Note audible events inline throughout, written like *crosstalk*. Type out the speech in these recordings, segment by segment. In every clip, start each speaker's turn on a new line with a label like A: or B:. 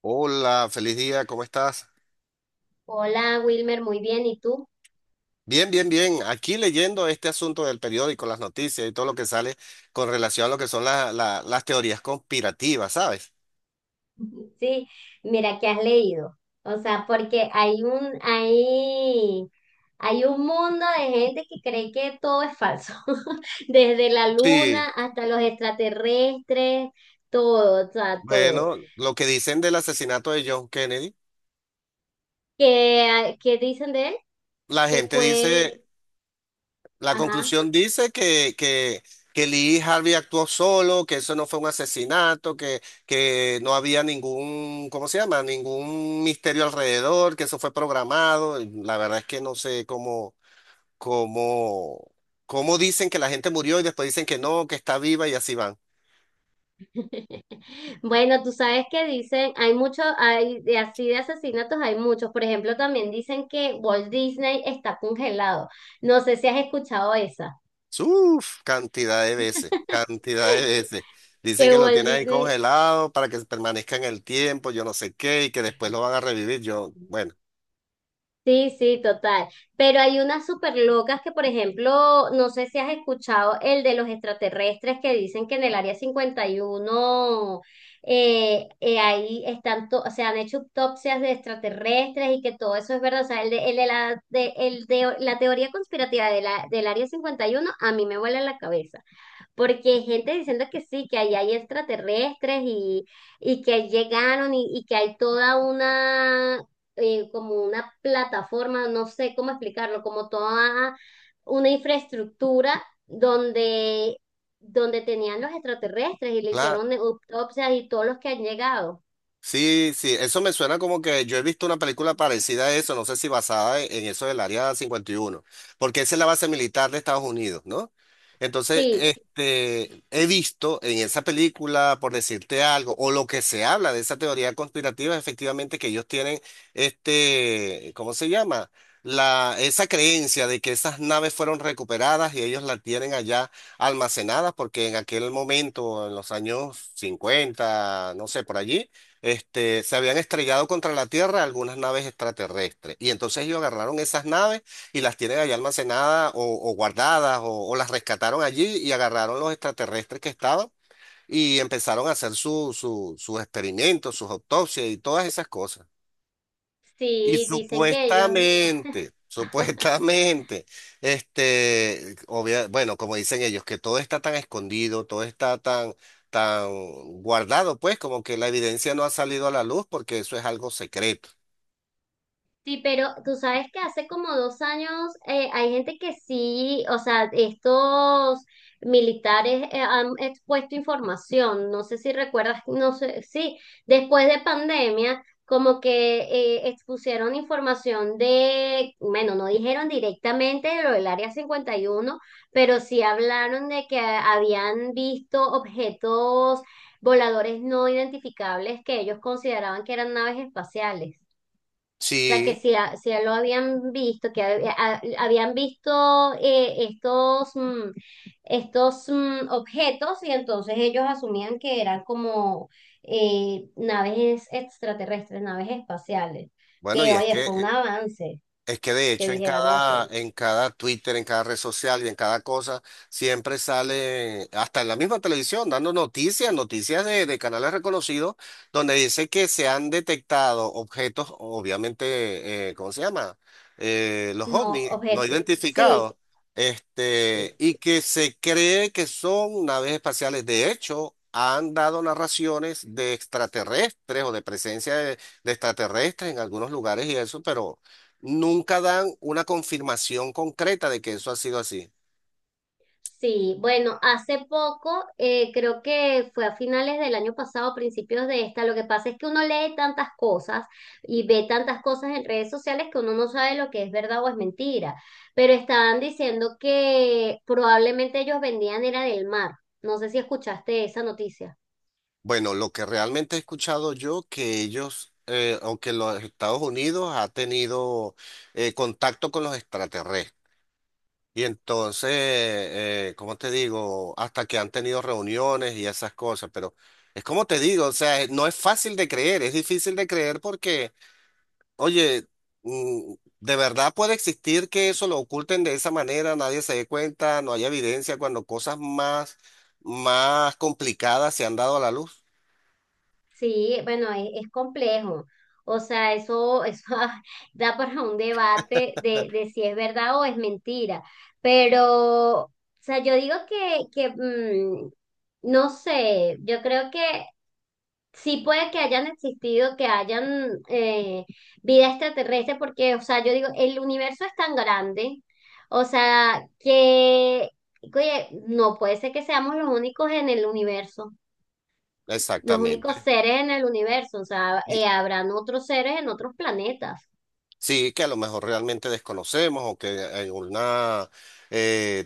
A: Hola, feliz día, ¿cómo estás?
B: Hola, Wilmer, muy bien. ¿Y tú?
A: Bien. Aquí leyendo este asunto del periódico, las noticias y todo lo que sale con relación a lo que son las teorías conspirativas, ¿sabes?
B: *laughs* Sí, mira que has leído. O sea, porque hay un mundo de gente que cree que todo es falso. *laughs* Desde la
A: Sí.
B: luna hasta los extraterrestres, todo, o sea, todo.
A: Bueno, lo que dicen del asesinato de John Kennedy,
B: ¿Qué dicen de él?
A: la
B: Que
A: gente
B: fue,
A: dice, la
B: ajá.
A: conclusión dice que Lee Harvey actuó solo, que eso no fue un asesinato, que no había ningún, ¿cómo se llama? Ningún misterio alrededor, que eso fue programado. La verdad es que no sé cómo. Como Cómo dicen que la gente murió y después dicen que no, que está viva y así van.
B: *laughs* Bueno, tú sabes que dicen, hay muchos, hay de así de asesinatos, hay muchos. Por ejemplo, también dicen que Walt Disney está congelado. No sé si has escuchado esa,
A: Uf, cantidad de veces, cantidad de veces. Dicen
B: que
A: que lo
B: Walt
A: tienen ahí
B: Disney.
A: congelado para que permanezca en el tiempo, yo no sé qué, y que después lo van a revivir. Yo, bueno,
B: Sí, sí, total. Pero hay unas súper locas que, por ejemplo, no sé si has escuchado el de los extraterrestres que dicen que en el área 51, ahí están, o sea, han hecho autopsias de extraterrestres y que todo eso es verdad. O sea, el de la teoría conspirativa de del área cincuenta y uno a mí me vuela la cabeza. Porque hay gente diciendo que sí, que ahí hay extraterrestres y que ahí llegaron y que hay toda una, como una plataforma, no sé cómo explicarlo, como toda una infraestructura donde tenían los extraterrestres y le
A: claro,
B: hicieron autopsias y todos los que han llegado.
A: sí, sí, eso me suena como que yo he visto una película parecida a eso, no sé si basada en eso del Área 51, porque esa es la base militar de Estados Unidos, ¿no? Entonces,
B: Sí,
A: he visto en esa película, por decirte algo, o lo que se habla de esa teoría conspirativa, es efectivamente que ellos tienen ¿cómo se llama? La, esa creencia de que esas naves fueron recuperadas y ellos las tienen allá almacenadas, porque en aquel momento, en los años 50, no sé, por allí se habían estrellado contra la Tierra algunas naves extraterrestres. Y entonces ellos agarraron esas naves y las tienen allá almacenadas o guardadas o las rescataron allí y agarraron los extraterrestres que estaban y empezaron a hacer su, sus experimentos, sus autopsias y todas esas cosas. Y
B: sí, dicen que ellos.
A: supuestamente,
B: *laughs*
A: supuestamente, bueno, como dicen ellos, que todo está tan escondido, todo está tan, tan guardado, pues, como que la evidencia no ha salido a la luz porque eso es algo secreto.
B: Sí, pero tú sabes que hace como dos años, hay gente que sí, o sea, estos militares han expuesto información, no sé si recuerdas, no sé, sí, después de pandemia, como que expusieron información de, bueno, no dijeron directamente de lo del Área cincuenta y uno, pero sí hablaron de que habían visto objetos voladores no identificables que ellos consideraban que eran naves espaciales. O sea, que
A: Sí,
B: si, si a lo habían visto, que habían visto estos, estos objetos, y entonces ellos asumían que eran como naves extraterrestres, naves espaciales.
A: bueno,
B: Que
A: y es
B: oye,
A: que
B: fue un avance
A: es que de
B: que
A: hecho en
B: dijeran eso.
A: cada, en cada Twitter, en cada red social y en cada cosa, siempre sale, hasta en la misma televisión, dando noticias, noticias de canales reconocidos, donde dice que se han detectado objetos, obviamente, ¿cómo se llama? Los
B: No,
A: ovnis no
B: objetos, sí.
A: identificados,
B: Sí.
A: y que se cree que son naves espaciales. De hecho, han dado narraciones de extraterrestres o de presencia de extraterrestres en algunos lugares y eso, pero nunca dan una confirmación concreta de que eso ha sido así.
B: Sí, bueno, hace poco, creo que fue a finales del año pasado, principios de esta, lo que pasa es que uno lee tantas cosas y ve tantas cosas en redes sociales que uno no sabe lo que es verdad o es mentira, pero estaban diciendo que probablemente ellos vendían era del mar. No sé si escuchaste esa noticia.
A: Bueno, lo que realmente he escuchado yo, que ellos, o que los Estados Unidos ha tenido contacto con los extraterrestres. Y entonces, ¿cómo te digo? Hasta que han tenido reuniones y esas cosas, pero es como te digo, o sea, no es fácil de creer, es difícil de creer porque... Oye, mm, ¿de verdad puede existir que eso lo oculten de esa manera, nadie se dé cuenta, no haya evidencia cuando cosas más, más complicadas se han dado a la luz?
B: Sí, bueno, es complejo. O sea, eso *laughs* da para un debate de si es verdad o es mentira. Pero, o sea, yo digo que, no sé, yo creo que sí puede que hayan existido, que hayan vida extraterrestre, porque, o sea, yo digo, el universo es tan grande, o sea, que, oye, no puede ser que seamos los únicos en el universo, los únicos
A: Exactamente.
B: seres en el universo, o sea,
A: Y
B: habrán otros seres en otros planetas,
A: sí, que a lo mejor realmente desconocemos o que en algún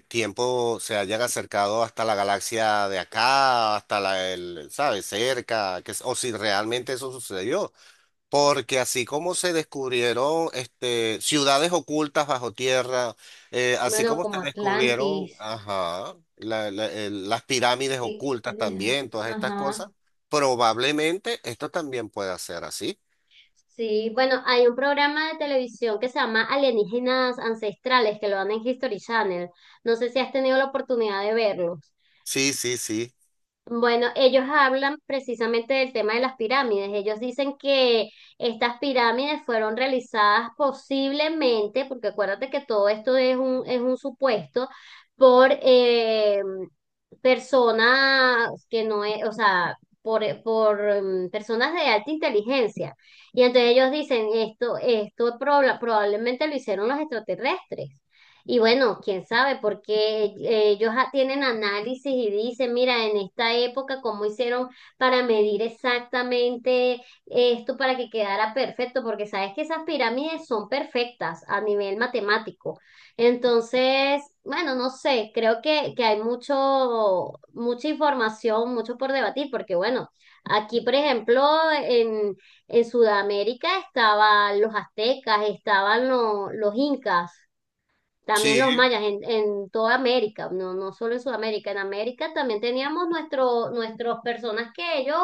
A: tiempo se hayan acercado hasta la galaxia de acá, hasta la, el, ¿sabes? Cerca, que, es- o si realmente eso sucedió. Porque así como se descubrieron ciudades ocultas bajo tierra, así
B: bueno,
A: como se
B: como
A: descubrieron
B: Atlantis,
A: ajá, las pirámides
B: que,
A: ocultas también, todas estas
B: ajá,
A: cosas, probablemente esto también pueda ser así.
B: sí, bueno, hay un programa de televisión que se llama Alienígenas Ancestrales, que lo dan en History Channel, no sé si has tenido la oportunidad de verlo.
A: Sí, sí, sí.
B: Bueno, ellos hablan precisamente del tema de las pirámides. Ellos dicen que estas pirámides fueron realizadas posiblemente, porque acuérdate que todo esto es es un supuesto, por personas que no es, o sea, personas de alta inteligencia. Y entonces ellos dicen, esto, probablemente lo hicieron los extraterrestres. Y bueno, quién sabe, porque ellos tienen análisis y dicen, mira, en esta época, cómo hicieron para medir exactamente esto para que quedara perfecto, porque sabes que esas pirámides son perfectas a nivel matemático. Entonces, bueno, no sé, creo que hay mucho, mucha información, mucho por debatir, porque bueno, aquí, por ejemplo, en, en Sudamérica estaban los aztecas, estaban los incas. También
A: Sí,
B: los mayas en toda América, no, no solo en Sudamérica, en América también teníamos nuestros personas que ellos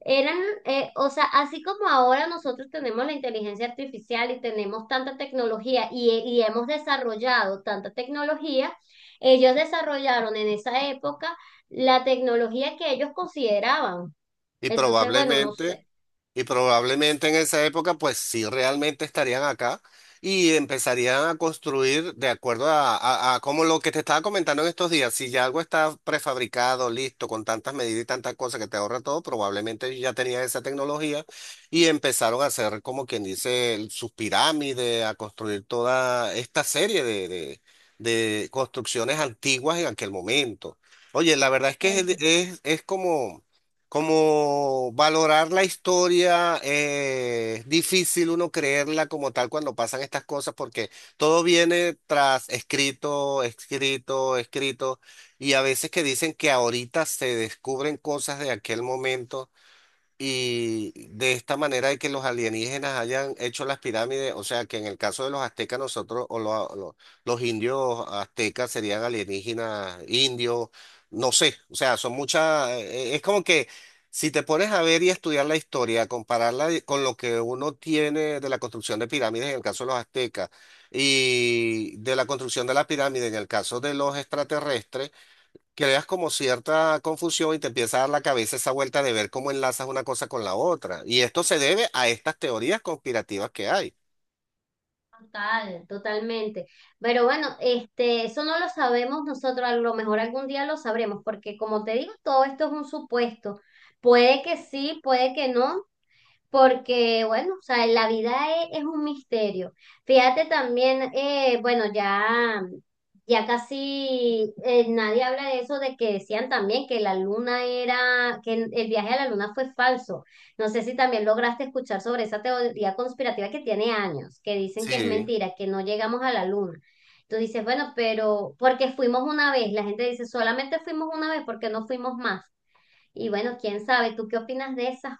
B: eran, o sea, así como ahora nosotros tenemos la inteligencia artificial y tenemos tanta tecnología y hemos desarrollado tanta tecnología, ellos desarrollaron en esa época la tecnología que ellos consideraban.
A: y
B: Entonces, bueno, no
A: probablemente,
B: sé,
A: y probablemente en esa época, pues sí realmente estarían acá y empezarían a construir de acuerdo a, a como lo que te estaba comentando en estos días. Si ya algo está prefabricado, listo, con tantas medidas y tantas cosas que te ahorra todo, probablemente ellos ya tenían esa tecnología y empezaron a hacer, como quien dice, sus pirámides, a construir toda esta serie de construcciones antiguas en aquel momento. Oye, la verdad es que
B: eso.
A: es como... Como valorar la historia, es difícil uno creerla como tal cuando pasan estas cosas porque todo viene tras escrito y a veces que dicen que ahorita se descubren cosas de aquel momento. Y de esta manera de que los alienígenas hayan hecho las pirámides, o sea que en el caso de los aztecas nosotros, o los indios aztecas serían alienígenas, indios, no sé, o sea, son muchas, es como que si te pones a ver y estudiar la historia, compararla con lo que uno tiene de la construcción de pirámides en el caso de los aztecas y de la construcción de la pirámide en el caso de los extraterrestres, creas como cierta confusión y te empieza a dar la cabeza esa vuelta de ver cómo enlazas una cosa con la otra. Y esto se debe a estas teorías conspirativas que hay.
B: Total, totalmente. Pero bueno, este, eso no lo sabemos nosotros, a lo mejor algún día lo sabremos, porque como te digo, todo esto es un supuesto. Puede que sí, puede que no, porque, bueno, o sea, la vida es un misterio. Fíjate también, bueno, ya casi nadie habla de eso, de que decían también que la luna era, que el viaje a la luna fue falso. No sé si también lograste escuchar sobre esa teoría conspirativa que tiene años, que dicen que es
A: Sí.
B: mentira, que no llegamos a la luna. Tú dices, bueno, pero porque fuimos una vez, la gente dice, solamente fuimos una vez, ¿porque no fuimos más? Y bueno, quién sabe, ¿tú qué opinas de esas?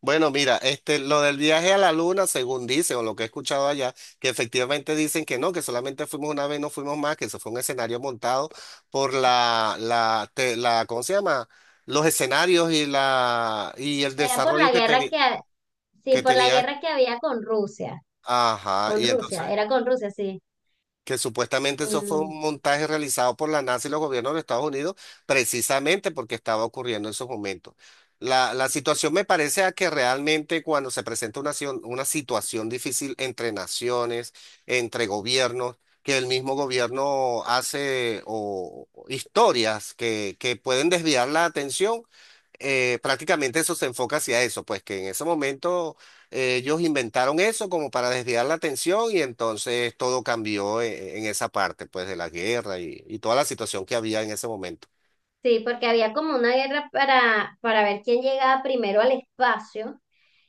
A: Bueno, mira, lo del viaje a la luna, según dicen, o lo que he escuchado allá, que efectivamente dicen que no, que solamente fuimos una vez, no fuimos más, que eso fue un escenario montado por la, ¿cómo se llama? Los escenarios y la, y el
B: Era por
A: desarrollo
B: la
A: que
B: guerra
A: tenía,
B: que, sí,
A: que
B: por la
A: tenía,
B: guerra que había
A: ajá,
B: con
A: y entonces
B: Rusia, era con Rusia, sí.
A: que supuestamente eso fue
B: Mm,
A: un montaje realizado por la NASA y los gobiernos de Estados Unidos, precisamente porque estaba ocurriendo en esos momentos. La situación me parece a que realmente cuando se presenta una situación difícil entre naciones, entre gobiernos, que el mismo gobierno hace o historias que pueden desviar la atención, prácticamente eso se enfoca hacia eso, pues que en ese momento ellos inventaron eso como para desviar la atención y entonces todo cambió en esa parte, pues, de la guerra y toda la situación que había en ese momento.
B: sí, porque había como una guerra para ver quién llegaba primero al espacio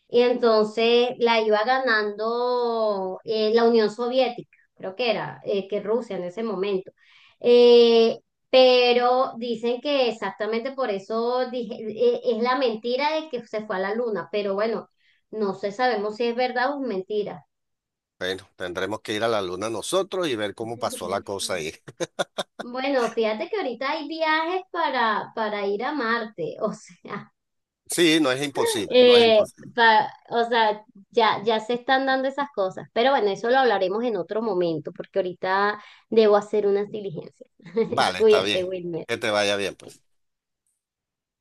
B: y entonces la iba ganando, la Unión Soviética, creo que era, que Rusia en ese momento. Eh, pero dicen que exactamente por eso dije, es la mentira de que se fue a la luna, pero bueno, no sé, sabemos si es verdad o es mentira.
A: Bueno, tendremos que ir a la luna nosotros y ver cómo pasó la
B: *laughs*
A: cosa ahí. *laughs*
B: Bueno, fíjate que ahorita hay viajes para ir a Marte, o sea,
A: Sí, no es
B: *laughs*
A: imposible, no es
B: eh,
A: imposible.
B: o sea, ya se están dando esas cosas, pero bueno, eso lo hablaremos en otro momento, porque ahorita debo hacer unas diligencias. *laughs*
A: Vale, está
B: Cuídate,
A: bien. Que
B: Wilmer.
A: te vaya bien, pues.